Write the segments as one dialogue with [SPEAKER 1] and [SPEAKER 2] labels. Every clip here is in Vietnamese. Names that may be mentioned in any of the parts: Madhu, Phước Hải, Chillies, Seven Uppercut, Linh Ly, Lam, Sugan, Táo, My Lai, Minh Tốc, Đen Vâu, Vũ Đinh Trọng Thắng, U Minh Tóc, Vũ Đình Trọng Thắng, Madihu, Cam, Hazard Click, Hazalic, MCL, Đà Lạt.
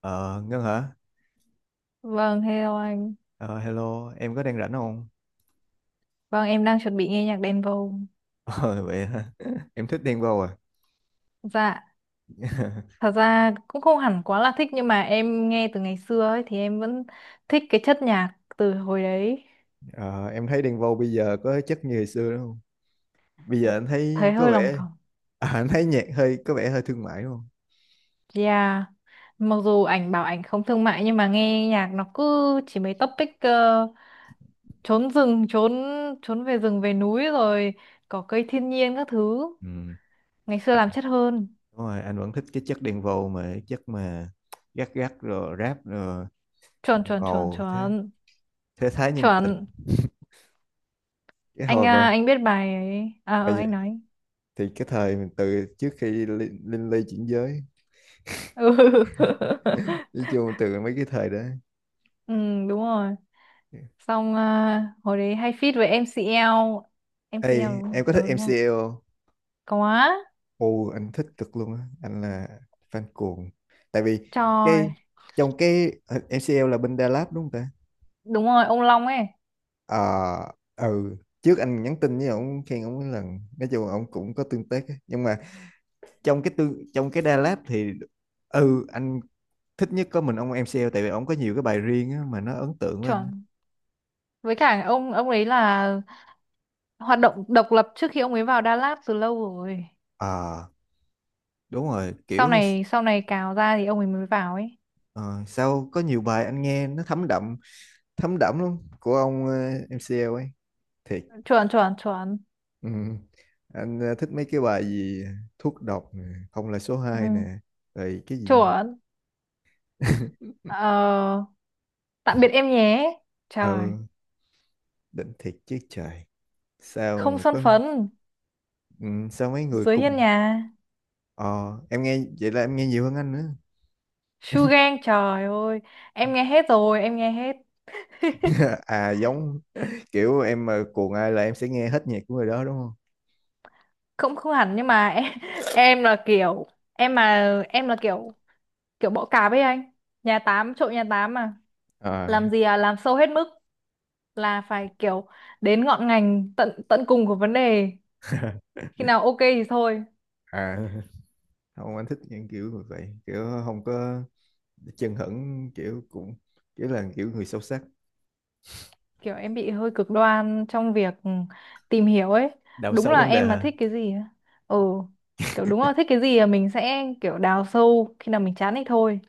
[SPEAKER 1] Ờ, Ngân hả?
[SPEAKER 2] Vâng, hello anh.
[SPEAKER 1] Ờ, Hello, em có đang rảnh không?
[SPEAKER 2] Vâng, em đang chuẩn bị nghe nhạc đen vô.
[SPEAKER 1] Ờ, Vậy hả? Em thích Đen Vâu à?
[SPEAKER 2] Dạ, thật ra cũng không hẳn quá là thích nhưng mà em nghe từ ngày xưa ấy thì em vẫn thích cái chất nhạc từ hồi đấy.
[SPEAKER 1] Ờ, em thấy Đen Vâu bây giờ có chất như hồi xưa đúng không? Bây giờ anh
[SPEAKER 2] Thấy
[SPEAKER 1] thấy có
[SPEAKER 2] hơi lòng
[SPEAKER 1] vẻ...
[SPEAKER 2] vòng.
[SPEAKER 1] À, anh thấy nhạc hơi có vẻ hơi thương mại đúng không?
[SPEAKER 2] Yeah. Mặc dù ảnh bảo ảnh không thương mại nhưng mà nghe nhạc nó cứ chỉ mấy topic trốn rừng, trốn trốn về rừng về núi rồi cỏ cây thiên nhiên các thứ.
[SPEAKER 1] Ừ.
[SPEAKER 2] Ngày xưa
[SPEAKER 1] À,
[SPEAKER 2] làm chất hơn.
[SPEAKER 1] đúng rồi, anh vẫn thích cái chất Đen Vâu, mà cái chất mà gắt gắt rồi rap rồi
[SPEAKER 2] Chuẩn
[SPEAKER 1] ngầu
[SPEAKER 2] chuẩn chuẩn
[SPEAKER 1] ngầu, thế
[SPEAKER 2] chuẩn.
[SPEAKER 1] thế thái nhân tình
[SPEAKER 2] Chuẩn.
[SPEAKER 1] cái
[SPEAKER 2] Anh
[SPEAKER 1] hồi mà
[SPEAKER 2] à, anh biết bài ấy à
[SPEAKER 1] bởi vậy,
[SPEAKER 2] anh nói
[SPEAKER 1] thì cái thời mình từ trước khi Linh, Linh Ly chuyển giới,
[SPEAKER 2] ừ.
[SPEAKER 1] nói chung từ mấy cái thời đó.
[SPEAKER 2] Ừ đúng rồi. Xong à, hồi đấy hay feat với MCL MCL đúng
[SPEAKER 1] Ê,
[SPEAKER 2] không?
[SPEAKER 1] em có thích
[SPEAKER 2] Ừ, đúng rồi.
[SPEAKER 1] MCL không?
[SPEAKER 2] Có
[SPEAKER 1] Ồ, anh thích cực luôn á, anh là fan cuồng. Tại vì cái
[SPEAKER 2] trời,
[SPEAKER 1] trong cái MCL là bên Đà Lạt đúng không ta?
[SPEAKER 2] đúng rồi, ông Long ấy.
[SPEAKER 1] Ờ, ừ, trước anh nhắn tin với ông khen ông cái lần, nói chung là ông cũng có tương tác á. Nhưng mà trong cái tương trong cái Đà Lạt thì ừ anh thích nhất có mình ông MCL, tại vì ông có nhiều cái bài riêng á, mà nó ấn tượng với anh.
[SPEAKER 2] Chuẩn. Với cả ông ấy là hoạt động độc lập trước khi ông ấy vào Đà Lạt từ lâu rồi.
[SPEAKER 1] Ờ, đúng rồi,
[SPEAKER 2] sau
[SPEAKER 1] kiểu
[SPEAKER 2] này sau này cào ra thì ông ấy mới vào ấy.
[SPEAKER 1] ờ, sao có nhiều bài anh nghe nó thấm đậm luôn của ông MCL ấy. Thiệt.
[SPEAKER 2] Chuẩn chuẩn chuẩn.
[SPEAKER 1] Ừ. Anh thích mấy cái bài gì thuốc độc nè, không là số
[SPEAKER 2] Ừ.
[SPEAKER 1] hai nè, rồi cái gì.
[SPEAKER 2] Chuẩn. ờ, Tạm biệt em nhé. Trời.
[SPEAKER 1] Ừ, đỉnh thiệt chứ trời. Sao
[SPEAKER 2] Không
[SPEAKER 1] mà
[SPEAKER 2] son
[SPEAKER 1] có
[SPEAKER 2] phấn,
[SPEAKER 1] ừ, sao mấy người
[SPEAKER 2] dưới
[SPEAKER 1] cùng
[SPEAKER 2] hiên nhà.
[SPEAKER 1] ờ em nghe vậy là em nghe nhiều hơn anh nữa.
[SPEAKER 2] Sugan trời ơi, em nghe hết rồi, em nghe hết.
[SPEAKER 1] À giống kiểu em mà cuồng ai là em sẽ nghe hết nhạc của người đó đúng không?
[SPEAKER 2] Cũng không hẳn nhưng mà em, em là kiểu em mà em là kiểu kiểu bỏ cạp ấy anh. Nhà tám trộn nhà tám mà. Làm
[SPEAKER 1] À,
[SPEAKER 2] gì à, làm sâu hết mức, là phải kiểu đến ngọn ngành tận tận cùng của vấn đề, khi nào ok thì thôi.
[SPEAKER 1] à không, anh thích những kiểu như vậy, kiểu không có chân hững kiểu cũng kiểu là kiểu người sâu sắc,
[SPEAKER 2] Kiểu em bị hơi cực đoan trong việc tìm hiểu ấy.
[SPEAKER 1] đào
[SPEAKER 2] Đúng
[SPEAKER 1] sâu
[SPEAKER 2] là
[SPEAKER 1] vấn đề
[SPEAKER 2] em mà
[SPEAKER 1] hả?
[SPEAKER 2] thích cái gì á, ừ, kiểu đúng là thích cái gì là mình sẽ kiểu đào sâu khi nào mình chán thì thôi.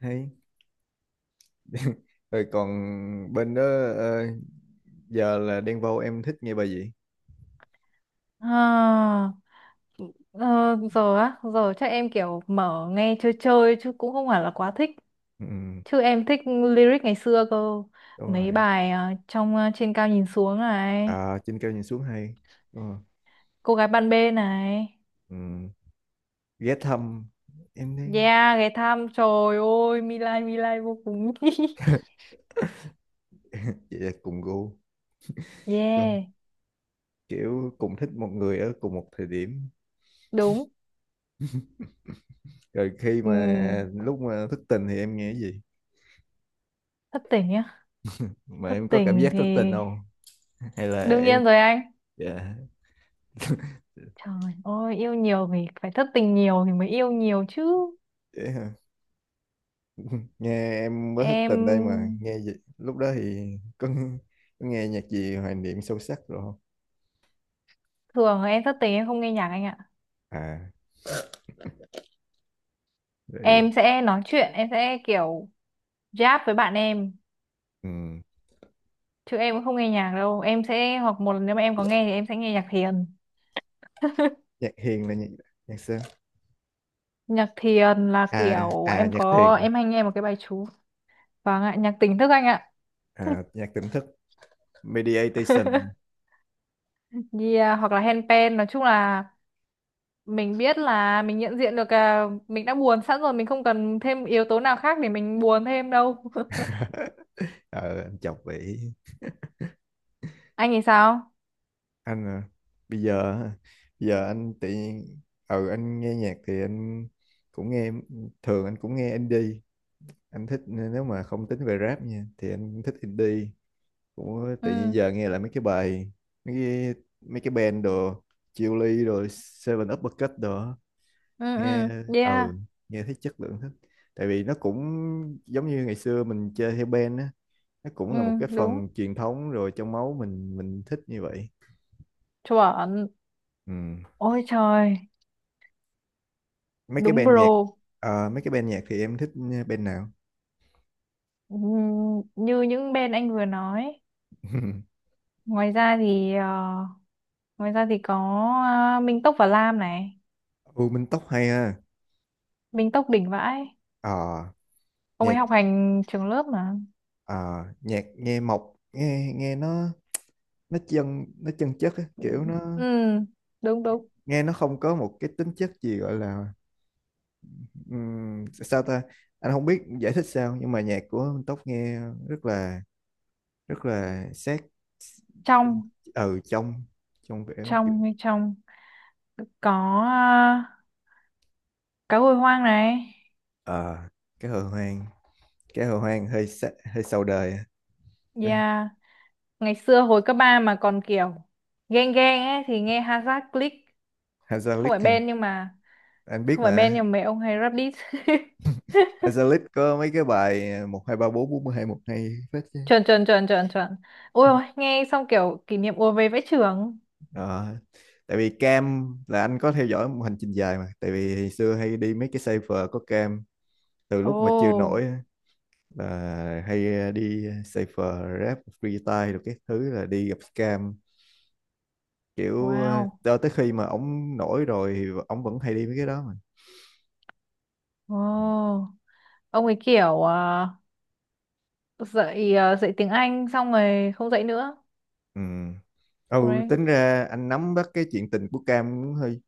[SPEAKER 1] Hay rồi còn bên đó ờ, giờ là đang vâu, em thích nghe bài gì?
[SPEAKER 2] À, ờ, giờ á, giờ chắc em kiểu mở nghe chơi chơi chứ cũng không phải là quá thích.
[SPEAKER 1] Ừ, ừ,
[SPEAKER 2] Chứ em thích lyric ngày xưa cơ.
[SPEAKER 1] đúng rồi.
[SPEAKER 2] Mấy bài trên cao nhìn xuống này,
[SPEAKER 1] À, trên cao nhìn xuống hay. Đúng rồi.
[SPEAKER 2] cô gái ban bê này.
[SPEAKER 1] Ừ. Ghé thăm em đang
[SPEAKER 2] Yeah, ghé thăm trời ơi, My Lai vô cùng.
[SPEAKER 1] vậy là cùng gu. Đúng không?
[SPEAKER 2] Yeah,
[SPEAKER 1] Kiểu cùng thích một người ở cùng một thời điểm.
[SPEAKER 2] đúng.
[SPEAKER 1] Rồi khi
[SPEAKER 2] Ừ,
[SPEAKER 1] mà lúc mà thức tình thì em nghe cái gì?
[SPEAKER 2] thất tình nhá.
[SPEAKER 1] Mà
[SPEAKER 2] Thất
[SPEAKER 1] em có cảm
[SPEAKER 2] tình
[SPEAKER 1] giác
[SPEAKER 2] thì
[SPEAKER 1] thức tình không? Hay là
[SPEAKER 2] đương
[SPEAKER 1] em
[SPEAKER 2] nhiên rồi anh.
[SPEAKER 1] dạ
[SPEAKER 2] Trời ơi, yêu nhiều thì phải thất tình nhiều thì mới yêu nhiều chứ.
[SPEAKER 1] dễ hả? Nghe em mới thức
[SPEAKER 2] Em
[SPEAKER 1] tình đây mà nghe gì? Lúc đó thì có nghe nhạc gì hoài niệm sâu sắc rồi không?
[SPEAKER 2] thường em thất tình em không nghe nhạc anh ạ.
[SPEAKER 1] À rồi
[SPEAKER 2] Em sẽ nói chuyện, em sẽ kiểu giáp với bạn em.
[SPEAKER 1] ừ.
[SPEAKER 2] Chứ em cũng không nghe nhạc đâu. Em sẽ, hoặc một lần nếu mà em có nghe thì em sẽ nghe nhạc thiền.
[SPEAKER 1] Nhạc hiền là nhạc nhạc sao
[SPEAKER 2] Nhạc thiền là
[SPEAKER 1] à
[SPEAKER 2] kiểu
[SPEAKER 1] à
[SPEAKER 2] em
[SPEAKER 1] nhạc thiền.
[SPEAKER 2] có, em hay nghe một cái bài chú. Vâng ạ, nhạc tỉnh thức anh ạ.
[SPEAKER 1] À, nhạc tỉnh thức, meditation.
[SPEAKER 2] Yeah, hoặc là handpan. Nói chung là mình biết là mình nhận diện được à, mình đã buồn sẵn rồi. Mình không cần thêm yếu tố nào khác để mình buồn thêm đâu.
[SPEAKER 1] Ờ anh chọc vậy.
[SPEAKER 2] Anh thì sao?
[SPEAKER 1] Anh à, bây giờ á, bây giờ anh tự nhiên, ừ anh nghe nhạc thì anh cũng nghe, thường anh cũng nghe indie. Anh thích nếu mà không tính về rap nha thì anh cũng thích indie, cũng tự nhiên
[SPEAKER 2] Ừ,
[SPEAKER 1] giờ nghe lại mấy cái bài mấy cái mấy cái band đồ, Chillies rồi Seven Uppercut đồ á.
[SPEAKER 2] ừ,
[SPEAKER 1] Nghe
[SPEAKER 2] ừ, yeah,
[SPEAKER 1] ừ nghe thấy chất lượng thích, tại vì nó cũng giống như ngày xưa mình chơi theo band á, nó
[SPEAKER 2] ừ,
[SPEAKER 1] cũng là một cái
[SPEAKER 2] đúng.
[SPEAKER 1] phần truyền thống rồi, trong máu mình thích như vậy.
[SPEAKER 2] Chuẩn.
[SPEAKER 1] Ừ.
[SPEAKER 2] Ôi trời,
[SPEAKER 1] Mấy cái
[SPEAKER 2] đúng
[SPEAKER 1] band nhạc
[SPEAKER 2] bro.
[SPEAKER 1] mấy cái band nhạc thì em thích band nào?
[SPEAKER 2] Như những bên anh vừa nói. Ngoài ra thì ngoài ra thì có Minh Tốc và Lam này,
[SPEAKER 1] U Minh Tóc hay ha.
[SPEAKER 2] Minh Tốc đỉnh vãi.
[SPEAKER 1] Ờ
[SPEAKER 2] Ông ấy
[SPEAKER 1] nhạc
[SPEAKER 2] học hành trường lớp mà.
[SPEAKER 1] ờ, nhạc nghe mộc nghe nghe nó chân chất á,
[SPEAKER 2] Ừ,
[SPEAKER 1] kiểu
[SPEAKER 2] ừ,
[SPEAKER 1] nó
[SPEAKER 2] đúng đúng.
[SPEAKER 1] nghe nó không có một cái tính chất gì gọi là sao ta, anh không biết giải thích sao nhưng mà nhạc của Minh Tóc nghe rất là rất là sát
[SPEAKER 2] Trong,
[SPEAKER 1] ở trong trong vẻ kiểu-
[SPEAKER 2] trong hay trong, có ờ, cá hồi hoang này.
[SPEAKER 1] ờ, cái hồ hoang, cái hồ hoang hơi sa, hơi sau đời.
[SPEAKER 2] Yeah, ngày xưa hồi cấp 3 mà còn kiểu ghen ghen ấy thì nghe Hazard Click, không phải
[SPEAKER 1] Hazalic hả?
[SPEAKER 2] Ben nhưng mà
[SPEAKER 1] Anh biết
[SPEAKER 2] không phải Ben
[SPEAKER 1] mà.
[SPEAKER 2] nhưng mà mấy ông hay rap diss.
[SPEAKER 1] Hazalic có mấy cái bài một hai ba bốn bốn mươi hai một hay phết chứ.
[SPEAKER 2] Chuẩn chuẩn chuẩn chuẩn chuẩn. Ôi ôi, nghe xong kiểu kỷ niệm ùa về vẽ trường.
[SPEAKER 1] Ờ, tại vì Cam là anh có theo dõi một hành trình dài, mà tại vì hồi xưa hay đi mấy cái cipher có Cam từ lúc mà chưa nổi
[SPEAKER 2] Oh,
[SPEAKER 1] á, là hay đi cipher rap freestyle, được cái thứ là đi gặp Cam, kiểu
[SPEAKER 2] wow.
[SPEAKER 1] cho tới khi mà ổng nổi rồi thì ổng vẫn hay đi mấy cái đó mà.
[SPEAKER 2] Oh, ông ấy kiểu à, dạy tiếng Anh xong rồi không dạy nữa.
[SPEAKER 1] Ừ. Ừ
[SPEAKER 2] Right.
[SPEAKER 1] tính ra anh nắm bắt cái chuyện tình của Cam cũng hơi,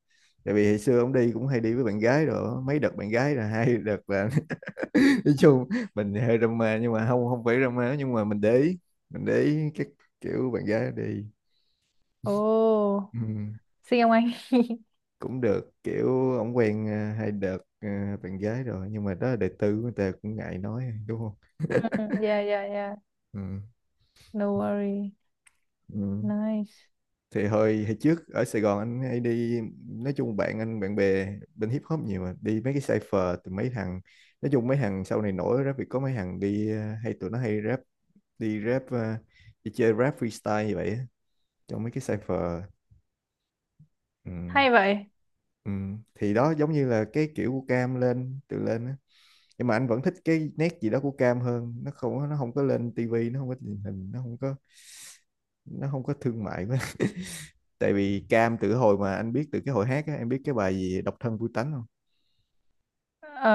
[SPEAKER 1] tại vì hồi xưa ổng đi cũng hay đi với bạn gái rồi á, mấy đợt bạn gái là hai đợt là nói chung mình hơi drama, nhưng mà không không phải drama, nhưng mà mình để ý các kiểu bạn gái đi.
[SPEAKER 2] Oh,
[SPEAKER 1] Ừ.
[SPEAKER 2] xin ông anh.
[SPEAKER 1] Cũng được kiểu ổng quen hai đợt bạn gái rồi, nhưng mà đó là đời tư của người ta cũng ngại nói đúng không.
[SPEAKER 2] Ừ, yeah yeah yeah,
[SPEAKER 1] Ừ.
[SPEAKER 2] no worry,
[SPEAKER 1] Ừ.
[SPEAKER 2] nice.
[SPEAKER 1] Thì hồi hồi trước ở Sài Gòn anh hay đi, nói chung bạn anh bạn bè bên hip hop nhiều mà, đi mấy cái cypher từ mấy thằng, nói chung mấy thằng sau này nổi rap thì có mấy thằng đi hay tụi nó hay rap, đi rap đi chơi rap freestyle như vậy á, trong mấy cái cypher. Ừ.
[SPEAKER 2] Hay vậy.
[SPEAKER 1] Ừ. Thì đó giống như là cái kiểu của Cam lên từ lên á. Nhưng mà anh vẫn thích cái nét gì đó của Cam hơn, nó không có lên tivi, nó không có truyền hình, nó không có thương mại quá, tại vì Cam từ hồi mà anh biết từ cái hồi hát á, em biết cái bài gì độc thân vui tánh không?
[SPEAKER 2] Ờ,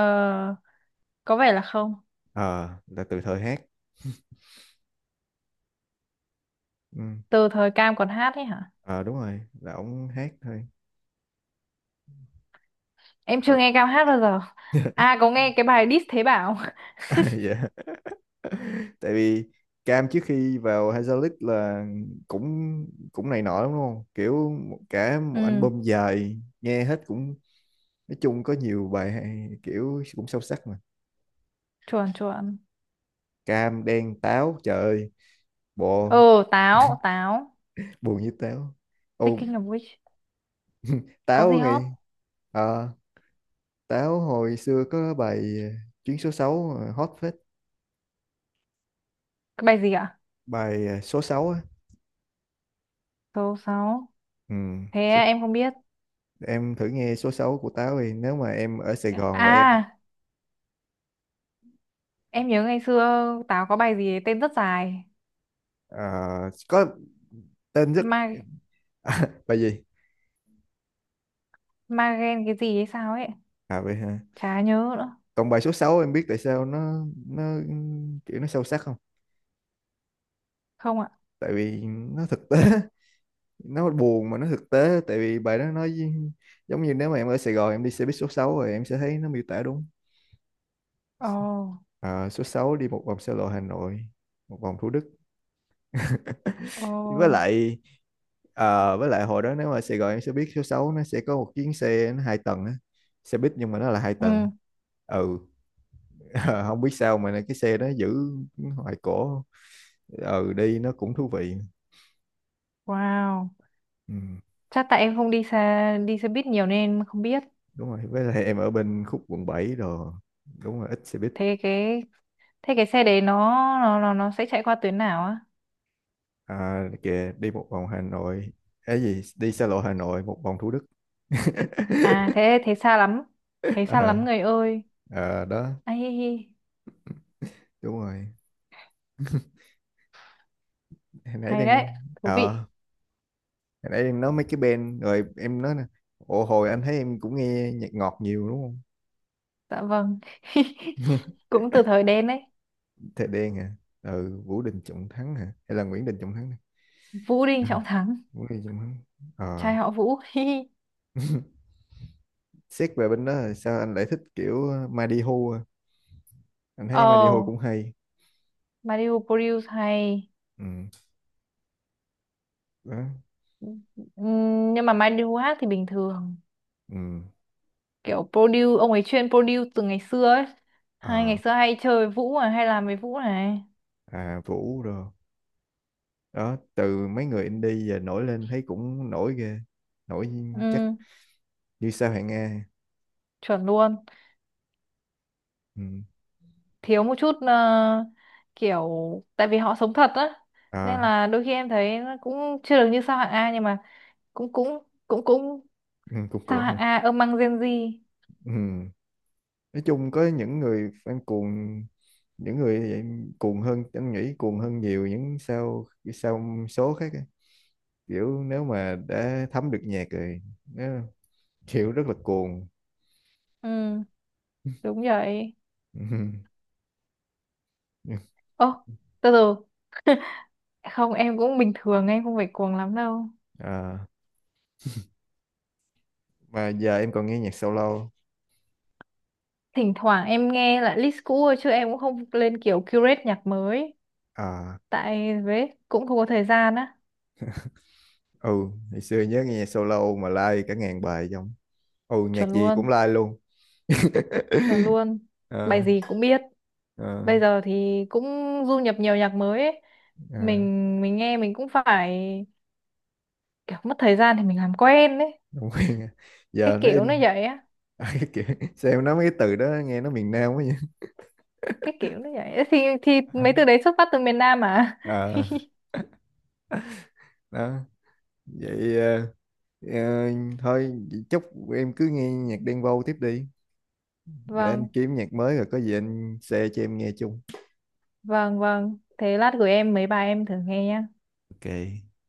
[SPEAKER 2] có vẻ là không.
[SPEAKER 1] Ờ là từ thời hát. Ừ.
[SPEAKER 2] Từ thời Cam còn hát ấy hả?
[SPEAKER 1] Ờ đúng rồi là ổng hát thôi.
[SPEAKER 2] Em
[SPEAKER 1] Ờ,
[SPEAKER 2] chưa nghe Cam hát bao giờ. À, có nghe cái bài diss thế bảo.
[SPEAKER 1] dạ, tại vì Cam trước khi vào Hazelit là cũng cũng này nọ lắm đúng không, kiểu một- cả một
[SPEAKER 2] Ừ,
[SPEAKER 1] album dài nghe hết cũng, nói chung có nhiều bài hay, kiểu cũng sâu sắc mà.
[SPEAKER 2] chuẩn chuẩn.
[SPEAKER 1] Cam đen táo trời ơi bộ
[SPEAKER 2] Ờ, táo táo.
[SPEAKER 1] buồn như táo. Ô
[SPEAKER 2] Thinking of which, có
[SPEAKER 1] táo
[SPEAKER 2] gì hot?
[SPEAKER 1] ngày. Táo hồi xưa có bài chuyến số 6 hot phết.
[SPEAKER 2] Cái bài gì ạ?
[SPEAKER 1] Bài số 6 á.
[SPEAKER 2] Số sáu?
[SPEAKER 1] Ừ.
[SPEAKER 2] Thế
[SPEAKER 1] Số-
[SPEAKER 2] em không biết.
[SPEAKER 1] em thử nghe số 6 của Táo thì nếu mà em ở Sài Gòn và em
[SPEAKER 2] À, em nhớ ngày xưa táo có bài gì tên rất dài.
[SPEAKER 1] ờ, có tên rất.
[SPEAKER 2] Ma
[SPEAKER 1] À, bài gì.
[SPEAKER 2] magen, cái gì hay sao ấy,
[SPEAKER 1] À vậy hả.
[SPEAKER 2] chả nhớ nữa.
[SPEAKER 1] Còn bài số sáu em biết tại sao nó kiểu nó sâu sắc không?
[SPEAKER 2] Không ạ.
[SPEAKER 1] Tại vì nó thực tế nó buồn mà nó thực tế, tại vì bài đó nói với- giống như nếu mà em ở Sài Gòn em đi xe buýt số 6 rồi em sẽ thấy nó miêu tả đúng.
[SPEAKER 2] Ồ.
[SPEAKER 1] Ờ, số 6 đi một vòng xe lộ Hà Nội, một vòng Thủ Đức.
[SPEAKER 2] Ồ.
[SPEAKER 1] Với lại với lại hồi đó nếu mà Sài Gòn em sẽ biết số 6 nó sẽ có một chuyến xe nó hai tầng á, xe buýt nhưng mà nó là hai tầng.
[SPEAKER 2] Ừ.
[SPEAKER 1] Ừ. Không biết sao mà cái xe đó giữ hoài cổ, ừ đi nó cũng thú vị.
[SPEAKER 2] Wow.
[SPEAKER 1] Ừ,
[SPEAKER 2] Chắc tại em không đi xe buýt nhiều nên em không biết.
[SPEAKER 1] đúng rồi với lại em ở bên khúc quận 7 rồi, đúng rồi ít xe buýt.
[SPEAKER 2] Thế cái, thế cái xe đấy nó nó sẽ chạy qua tuyến nào á?
[SPEAKER 1] À, kìa đi một vòng Hà Nội, cái gì đi xa lộ Hà Nội một vòng Thủ Đức.
[SPEAKER 2] À, thế thế xa lắm. Thế xa
[SPEAKER 1] Ờ
[SPEAKER 2] lắm người ơi.
[SPEAKER 1] ờ, đó
[SPEAKER 2] Ai hi hi.
[SPEAKER 1] đúng rồi. Hồi nãy
[SPEAKER 2] Hay
[SPEAKER 1] đang
[SPEAKER 2] đấy. Thú
[SPEAKER 1] ờ
[SPEAKER 2] vị.
[SPEAKER 1] nãy em nói mấy cái band rồi em nói nè, ồ hồi anh thấy em cũng nghe nhạc ngọt nhiều đúng không.
[SPEAKER 2] Dạ vâng. Cũng từ thời đen đấy.
[SPEAKER 1] Thề Đen hả. Ừ Vũ Đình Trọng Thắng hả hay là Nguyễn Đình Trọng Thắng nè?
[SPEAKER 2] Vũ Đinh
[SPEAKER 1] À,
[SPEAKER 2] Trọng Thắng.
[SPEAKER 1] Vũ Đình Trọng Thắng. Ờ
[SPEAKER 2] Trai họ Vũ.
[SPEAKER 1] xét về bên đó là sao anh lại thích kiểu Madihu à? Anh thấy Madihu
[SPEAKER 2] Oh,
[SPEAKER 1] cũng hay.
[SPEAKER 2] Madhu produce hay.
[SPEAKER 1] Ừ đó.
[SPEAKER 2] Nhưng mà Madhu hát thì bình thường.
[SPEAKER 1] Ừ.
[SPEAKER 2] Kiểu produce ông ấy chuyên produce từ ngày xưa ấy. Hai
[SPEAKER 1] Ờ,
[SPEAKER 2] ngày xưa hay chơi với Vũ mà hay làm với Vũ này.
[SPEAKER 1] à Vũ rồi, đó từ mấy người indie giờ nổi lên thấy cũng nổi ghê, nổi chắc
[SPEAKER 2] Ừm,
[SPEAKER 1] như sao hạng A.
[SPEAKER 2] chuẩn luôn.
[SPEAKER 1] Ừ.
[SPEAKER 2] Thiếu một chút kiểu, tại vì họ sống thật á, nên
[SPEAKER 1] À
[SPEAKER 2] là đôi khi em thấy nó cũng chưa được như sao hạng A nhưng mà cũng cũng cũng cũng.
[SPEAKER 1] ừ, cũng
[SPEAKER 2] Sao
[SPEAKER 1] cũng hả?
[SPEAKER 2] hạng A ông mang Gen Z?
[SPEAKER 1] Ừ. Nói chung có những người fan cuồng, những người thì cuồng hơn anh nghĩ, cuồng hơn nhiều những sao sao số khác á. Kiểu nếu mà đã thấm được nhạc rồi nó kiểu rất là cuồng.
[SPEAKER 2] Ừ, đúng rồi. Ô, từ từ. Không, em cũng bình thường, em không phải cuồng lắm đâu.
[SPEAKER 1] À, mà giờ em còn nghe nhạc solo?
[SPEAKER 2] Thỉnh thoảng em nghe lại list cũ thôi, chứ em cũng không lên kiểu curate nhạc mới.
[SPEAKER 1] À
[SPEAKER 2] Tại với cũng không có thời gian á.
[SPEAKER 1] ừ ngày xưa nhớ nghe nhạc solo mà like cả ngàn bài trong, ừ nhạc
[SPEAKER 2] Chuẩn
[SPEAKER 1] gì cũng
[SPEAKER 2] luôn,
[SPEAKER 1] like luôn.
[SPEAKER 2] chuẩn luôn. Bài
[SPEAKER 1] À,
[SPEAKER 2] gì cũng biết.
[SPEAKER 1] à,
[SPEAKER 2] Bây giờ thì cũng du nhập nhiều nhạc mới ấy.
[SPEAKER 1] à,
[SPEAKER 2] Mình nghe mình cũng phải kiểu mất thời gian thì mình làm quen đấy.
[SPEAKER 1] không quen à.
[SPEAKER 2] Cái
[SPEAKER 1] Giờ nó
[SPEAKER 2] kiểu nó
[SPEAKER 1] in.
[SPEAKER 2] vậy á,
[SPEAKER 1] À, cái kiểu sao em nói mấy cái từ đó nghe nó miền Nam quá
[SPEAKER 2] cái kiểu nó vậy. Thì
[SPEAKER 1] vậy.
[SPEAKER 2] mấy từ đấy xuất phát từ miền Nam mà.
[SPEAKER 1] Ờ, đó vậy ờ, thôi vậy chúc em cứ nghe nhạc Đen Vâu tiếp đi, để anh
[SPEAKER 2] Vâng
[SPEAKER 1] kiếm nhạc mới rồi có gì anh share cho em nghe chung.
[SPEAKER 2] vâng vâng thế lát gửi em mấy bài em thử nghe nhé.
[SPEAKER 1] Ok.